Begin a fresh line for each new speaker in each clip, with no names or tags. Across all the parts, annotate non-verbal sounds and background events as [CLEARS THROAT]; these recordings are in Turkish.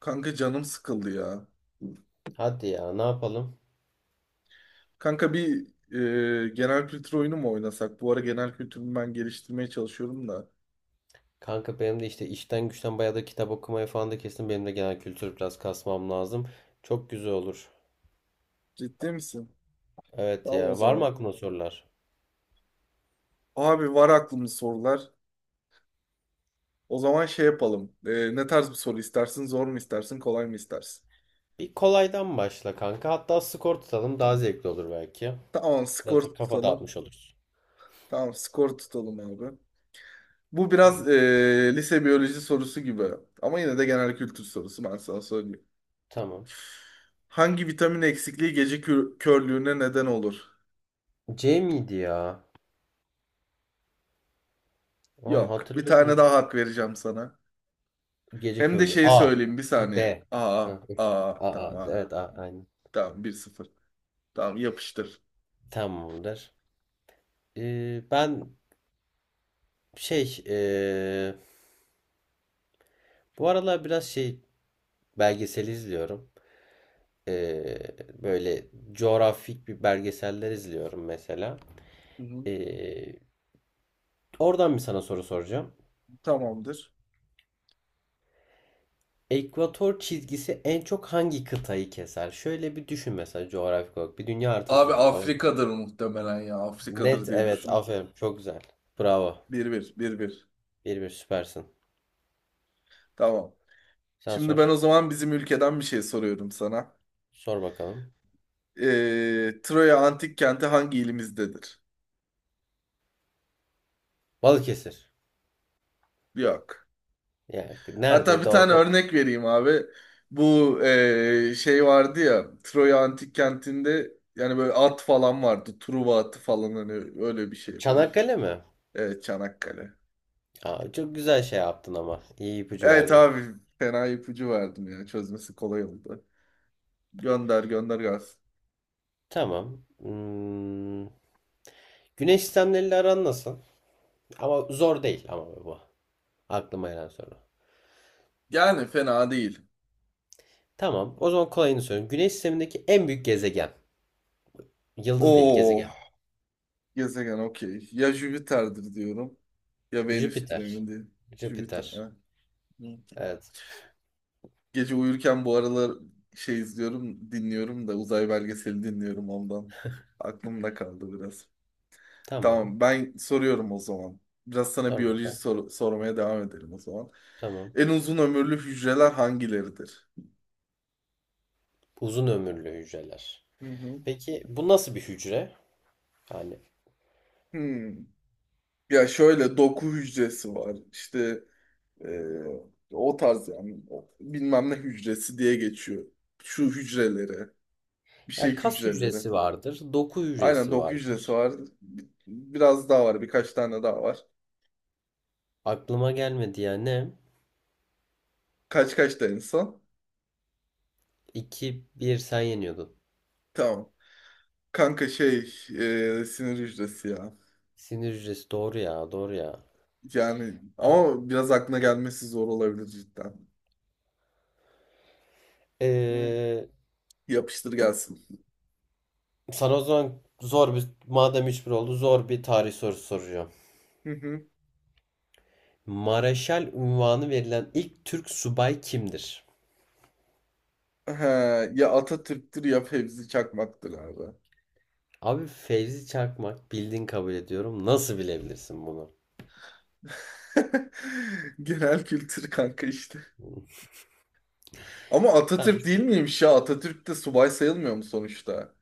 Kanka canım sıkıldı ya.
Hadi ya ne yapalım?
Kanka, genel kültür oyunu mu oynasak? Bu ara genel kültürümü ben geliştirmeye çalışıyorum da.
Kanka benim de işte işten güçten bayağı da kitap okumaya falan da kesin benim de genel kültür biraz kasmam lazım. Çok güzel olur.
Ciddi misin?
Evet
Tamam, o
ya var mı
zaman.
aklına sorular?
Abi, var aklımda sorular. O zaman şey yapalım. Ne tarz bir soru istersin? Zor mu istersin? Kolay mı istersin?
Bir kolaydan başla kanka. Hatta skor tutalım daha zevkli olur belki.
Tamam, skor
Biraz da kafa
tutalım.
dağıtmış oluruz.
Tamam, skor tutalım abi. Bu
Tamam.
biraz lise biyoloji sorusu gibi. Ama yine de genel kültür sorusu, ben sana söyleyeyim.
Tamam.
Hangi vitamin eksikliği gece körlüğüne neden olur?
C miydi ya? Lan
Yok. Bir tane daha
hatırlıyordum.
hak vereceğim sana.
Gece
Hem de
köylü.
şeyi
A.
söyleyeyim, bir
Şey,
saniye.
D. Ha. A,
Tamam.
A. Evet A. Aynen.
Tamam, 1-0. Tamam, yapıştır.
Tamamdır. Ben şey bu aralar biraz şey belgesel izliyorum. Ee, Böyle coğrafik bir belgeseller izliyorum mesela.
Hı hı.
Ee, Oradan bir sana soru soracağım.
Tamamdır.
Ekvator çizgisi en çok hangi kıtayı keser? Şöyle bir düşün mesela coğrafik olarak. Bir dünya haritası
Abi
düşün tamam mı?
Afrika'dır muhtemelen ya. Afrika'dır
Net
diye
evet,
düşünün.
aferin, çok güzel. Bravo.
1-1, 1-1.
1-1, süpersin.
Tamam.
Sen
Şimdi
sor.
ben o zaman bizim ülkeden bir şey soruyorum sana.
Sor bakalım.
Troya antik kenti hangi ilimizdedir?
Balıkesir.
Yok.
Yani
Hatta
nerede,
bir tane
doğuda?
örnek vereyim abi. Bu, şey vardı ya, Troya Antik Kenti'nde yani böyle at falan vardı. Truva atı falan, hani öyle bir şey yapayım.
Çanakkale mi?
Evet, Çanakkale.
Aa, çok güzel şey yaptın ama. İyi ipucu
Evet
verdin.
abi, fena ipucu verdim ya, çözmesi kolay oldu. Gönder gönder gelsin.
Tamam. Güneş sistemleriyle aran nasıl? Ama zor değil ama bu. Aklıma gelen soru.
Yani fena değil.
Tamam. O zaman kolayını sorayım. Güneş sistemindeki en büyük gezegen. Yıldız değil,
Oo,
gezegen.
gezegen okey. Ya Jüpiter'dir diyorum, ya Venüs'tür,
Jüpiter.
emin değilim. Jüpiter,
Jüpiter.
ha.
Evet.
Gece uyurken bu aralar şey izliyorum, dinliyorum da uzay belgeseli dinliyorum ondan. Aklımda kaldı biraz.
Tamam.
Tamam, ben soruyorum o zaman. Biraz sana
Sor
biyoloji
bakalım.
sormaya devam edelim o zaman.
Tamam.
En uzun ömürlü hücreler hangileridir?
Uzun ömürlü hücreler.
Hı hı.
Peki bu nasıl bir hücre? Yani
Hmm. Ya şöyle doku hücresi var. İşte e, o tarz yani bilmem ne hücresi diye geçiyor. Şu hücrelere, bir şey
ya kas
hücreleri.
hücresi vardır, doku
Aynen,
hücresi
doku hücresi
vardır.
var. Biraz daha var. Birkaç tane daha var.
Aklıma gelmedi ya, ne?
Kaç kaç da en son.
2-1 sen yeniyordun.
Tamam. Kanka şey, sinir hücresi ya.
Sinir hücresi, doğru ya, doğru ya.
Yani
Tamam.
ama biraz aklına gelmesi zor olabilir cidden. Hı.
Ee,
Yapıştır gelsin.
Sana o zaman madem 3-1 oldu zor bir tarih sorusu soracağım.
Hı hı.
Mareşal unvanı verilen ilk Türk subay kimdir?
He, ya Atatürk'tür ya Fevzi Çakmak'tır abi.
Abi Fevzi Çakmak bildin, kabul ediyorum. Nasıl bilebilirsin bunu?
[LAUGHS] Genel kültür kanka işte. Ama
Tamam.
Atatürk değil miymiş ya? Atatürk de subay sayılmıyor mu sonuçta?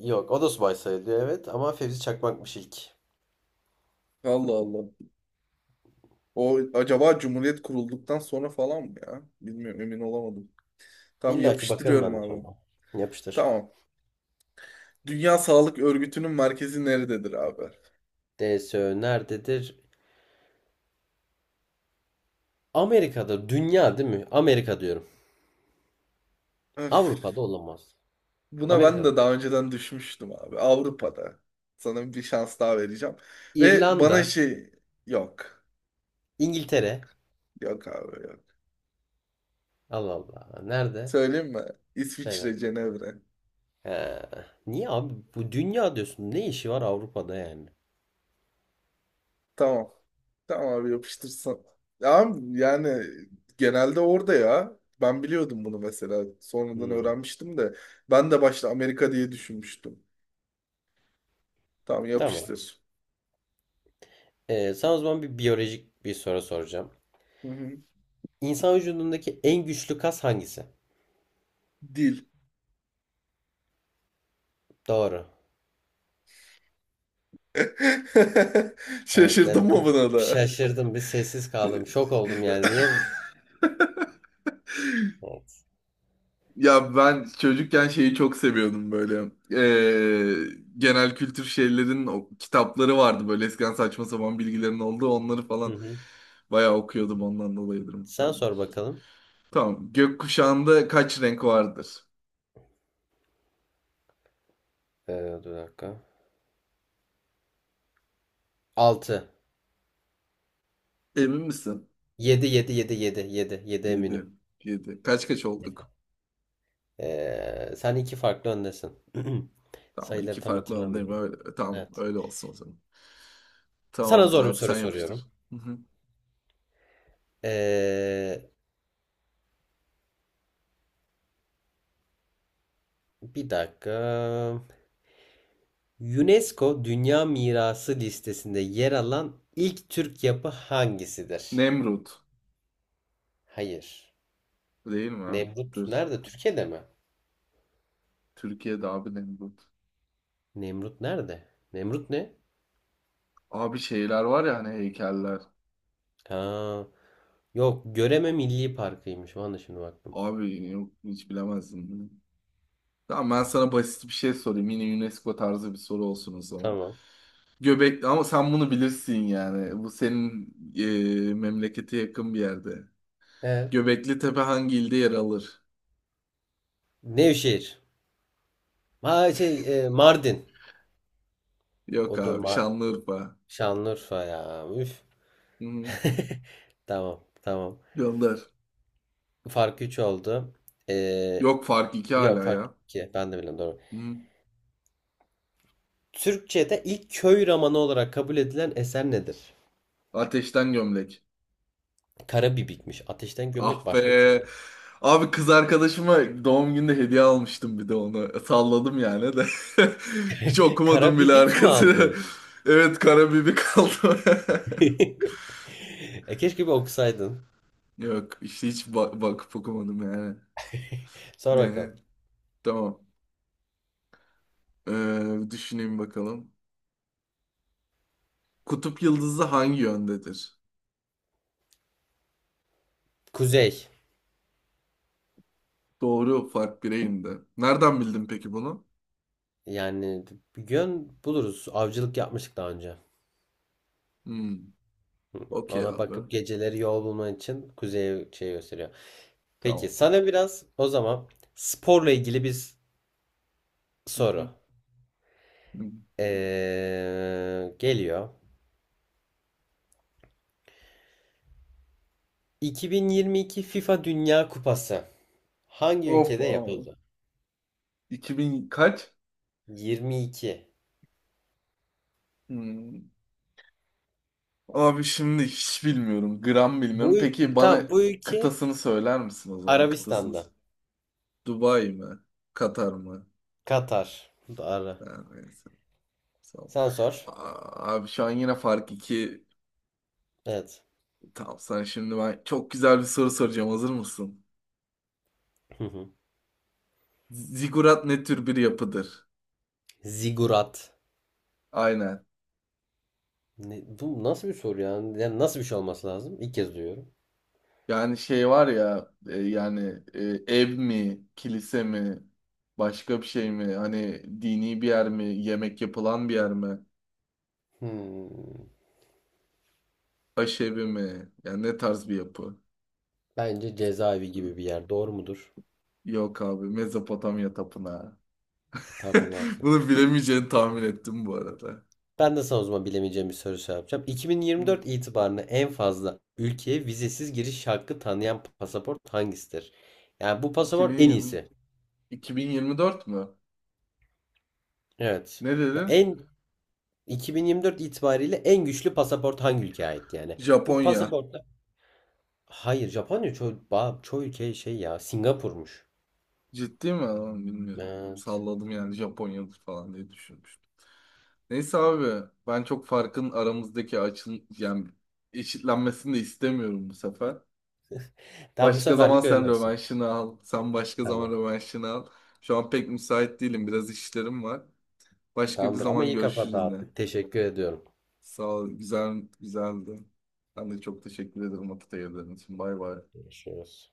Yok, o da subay sayılıyor evet, ama Fevzi Çakmak'mış ilk.
Allah Allah. O acaba Cumhuriyet kurulduktan sonra falan mı ya? Bilmiyorum, emin olamadım. Tam
İlla ki bakarım
yapıştırıyorum
ben de
abi.
sonra. Yapıştır.
Tamam. Dünya Sağlık Örgütü'nün merkezi nerededir abi?
DSÖ nerededir? Amerika'da, dünya değil mi? Amerika diyorum.
Öf.
Avrupa'da olamaz.
Buna ben
Amerika'da.
de daha önceden düşmüştüm abi. Avrupa'da. Sana bir şans daha vereceğim. Ve bana
İrlanda,
şey, yok.
İngiltere.
Yok abi, yok.
Allah Allah. Nerede?
Söyleyeyim mi?
Söyle.
İsviçre, Cenevre.
Ee, Niye abi? Bu dünya diyorsun. Ne işi var Avrupa'da yani?
Tamam. Tamam abi, yapıştırsan. Ya, yani genelde orada ya. Ben biliyordum bunu mesela. Sonradan
Hmm,
öğrenmiştim de. Ben de başta Amerika diye düşünmüştüm. Tamam,
tamam.
yapıştır.
Sana o zaman bir biyolojik bir soru soracağım.
Hı hı.
İnsan vücudundaki en güçlü kas hangisi?
Dil.
Doğru.
[LAUGHS]
Evet. ya
Şaşırdım
bir-
mı buna
bir
da?
şaşırdım. Bir sessiz kaldım. Şok oldum yani. Niye?
[LAUGHS]
Evet.
Ya ben çocukken şeyi çok seviyordum böyle. Genel kültür şeylerin o kitapları vardı böyle eskiden, saçma sapan bilgilerin olduğu onları
Hı
falan
hı.
bayağı okuyordum, ondan dolayıdır
Sen
muhtemelen.
sor bakalım.
Tamam. Gökkuşağında kaç renk vardır?
Dur dakika. 6.
Emin misin?
Yedi, 7, yedi, 7, 7, 7 eminim.
7, 7. Kaç kaç olduk?
Sen iki farklı öndesin. [CLEARS THROAT]
Tamam, iki
Sayıları tam
farklı alandayım.
hatırlamıyorum.
Öyle, tamam,
Evet.
öyle olsun o zaman.
Sana
Tamamdır
zor bir
abi,
soru
sen yapıştır.
soruyorum.
Hı hı.
Ee, Bir dakika. UNESCO Dünya Mirası listesinde yer alan ilk Türk yapı hangisidir?
Nemrut.
Hayır.
Değil mi, abi?
Nemrut
Dur.
nerede? Türkiye'de mi?
Türkiye'de abi, Nemrut.
Nemrut nerede? Nemrut ne?
Abi şeyler var ya, hani heykeller.
Ha, yok, Göreme Milli Parkı'ymış. Bana şimdi baktım.
Abi yok, hiç bilemezdim. Tamam, ben sana basit bir şey sorayım. Yine UNESCO tarzı bir soru olsun o zaman.
Tamam.
Göbekli, ama sen bunu bilirsin yani. Bu senin memlekete yakın bir yerde.
Evet.
Göbekli Tepe hangi ilde yer alır?
Nevşehir. Ha, şey, Mardin.
Yok
O da
abi, Şanlıurfa.
Şanlıurfa ya. Üf.
Hı-hı.
[LAUGHS] Tamam, tamam.
Gönder.
Fark 3 oldu. Ee,
Yok, fark iki
Yok,
hala
fark
ya.
ki. Ben de bilmiyorum, doğru.
Hı.
Türkçe'de ilk köy romanı olarak kabul edilen eser nedir?
Ateşten gömlek.
Karabibikmiş. Ateşten
Ah
gömlek başka bir şey
be.
değil.
Abi kız arkadaşıma doğum günde hediye almıştım, bir de onu. Salladım yani de. [LAUGHS] Hiç okumadım bile
Karabibik mi
arkasını.
aldın?
[LAUGHS] Evet, Karabibi kaldı.
[LAUGHS] E keşke bir okusaydın.
[LAUGHS] Yok işte, hiç bak bakıp okumadım yani.
Sor
Ne?
bakalım.
Tamam. Düşüneyim bakalım. Kutup yıldızı hangi yöndedir?
Kuzey.
Doğru, fark bireyinde. Nereden bildin peki bunu?
Yani bir gün buluruz. Avcılık yapmıştık daha önce.
Hmm. Okey
Ona
abi.
bakıp geceleri yol bulman için kuzeye şey gösteriyor. Peki
Tamam.
sana biraz o zaman sporla ilgili bir
Hı
soru.
hı. Hmm.
Geliyor. 2022 FIFA Dünya Kupası hangi
Of
ülkede
abi.
yapıldı?
2000 kaç?
22.
Hmm. Abi şimdi hiç bilmiyorum. Gram
Bu
bilmiyorum. Peki bana
tam bu ülke
kıtasını söyler misin o zaman? Kıtasını.
Arabistan'da.
Dubai mi? Katar mı?
Katar. Bu da ara.
Ha, neyse. Sağ ol.
Sen sor.
Aa, abi şu an yine fark 2.
Evet.
Tamam sen, şimdi ben çok güzel bir soru soracağım. Hazır mısın?
Hı hı.
Zigurat ne tür bir yapıdır?
Zigurat.
Aynen.
Bu nasıl bir soru ya? Yani nasıl bir şey olması lazım? İlk kez duyuyorum.
Yani şey var ya yani ev mi, kilise mi, başka bir şey mi? Hani dini bir yer mi, yemek yapılan bir yer mi,
Hmm.
aşevi mi? Yani ne tarz bir yapı?
Bence cezaevi gibi bir yer. Doğru mudur?
Yok abi, Mezopotamya Tapınağı.
Tapınak.
[LAUGHS] Bunu bilemeyeceğini tahmin ettim bu arada.
Ben de sana o zaman bilemeyeceğim bir soru şey yapacağım.
Hı,
2024 itibarıyla en fazla ülkeye vizesiz giriş hakkı tanıyan pasaport hangisidir? Yani bu pasaport en
2020,
iyisi.
2024 mü?
Evet.
Ne
Ya
dedin?
2024 itibariyle en güçlü pasaport hangi ülkeye ait yani? Bu
Japonya.
pasaportta, hayır, Japonya çoğu, çoğu ülke şey, ya Singapur'muş.
Ciddi mi? Lan, bilmiyorum.
Evet.
Salladım yani, Japonya'dır falan diye düşünmüştüm. Neyse abi, ben çok farkın aramızdaki açın yani eşitlenmesini de istemiyorum bu sefer.
Tamam, bu
Başka zaman
seferlik
sen
öyle olsun.
rövanşını al. Sen başka zaman
Tamam.
rövanşını al. Şu an pek müsait değilim. Biraz işlerim var. Başka bir
Tamamdır ama
zaman
iyi kafa
görüşürüz yine.
dağıttık. Teşekkür ediyorum.
Sağ ol. Güzel, güzeldi. Ben de çok teşekkür ederim, vakit ayırdığın için. Bay bay.
Görüşürüz.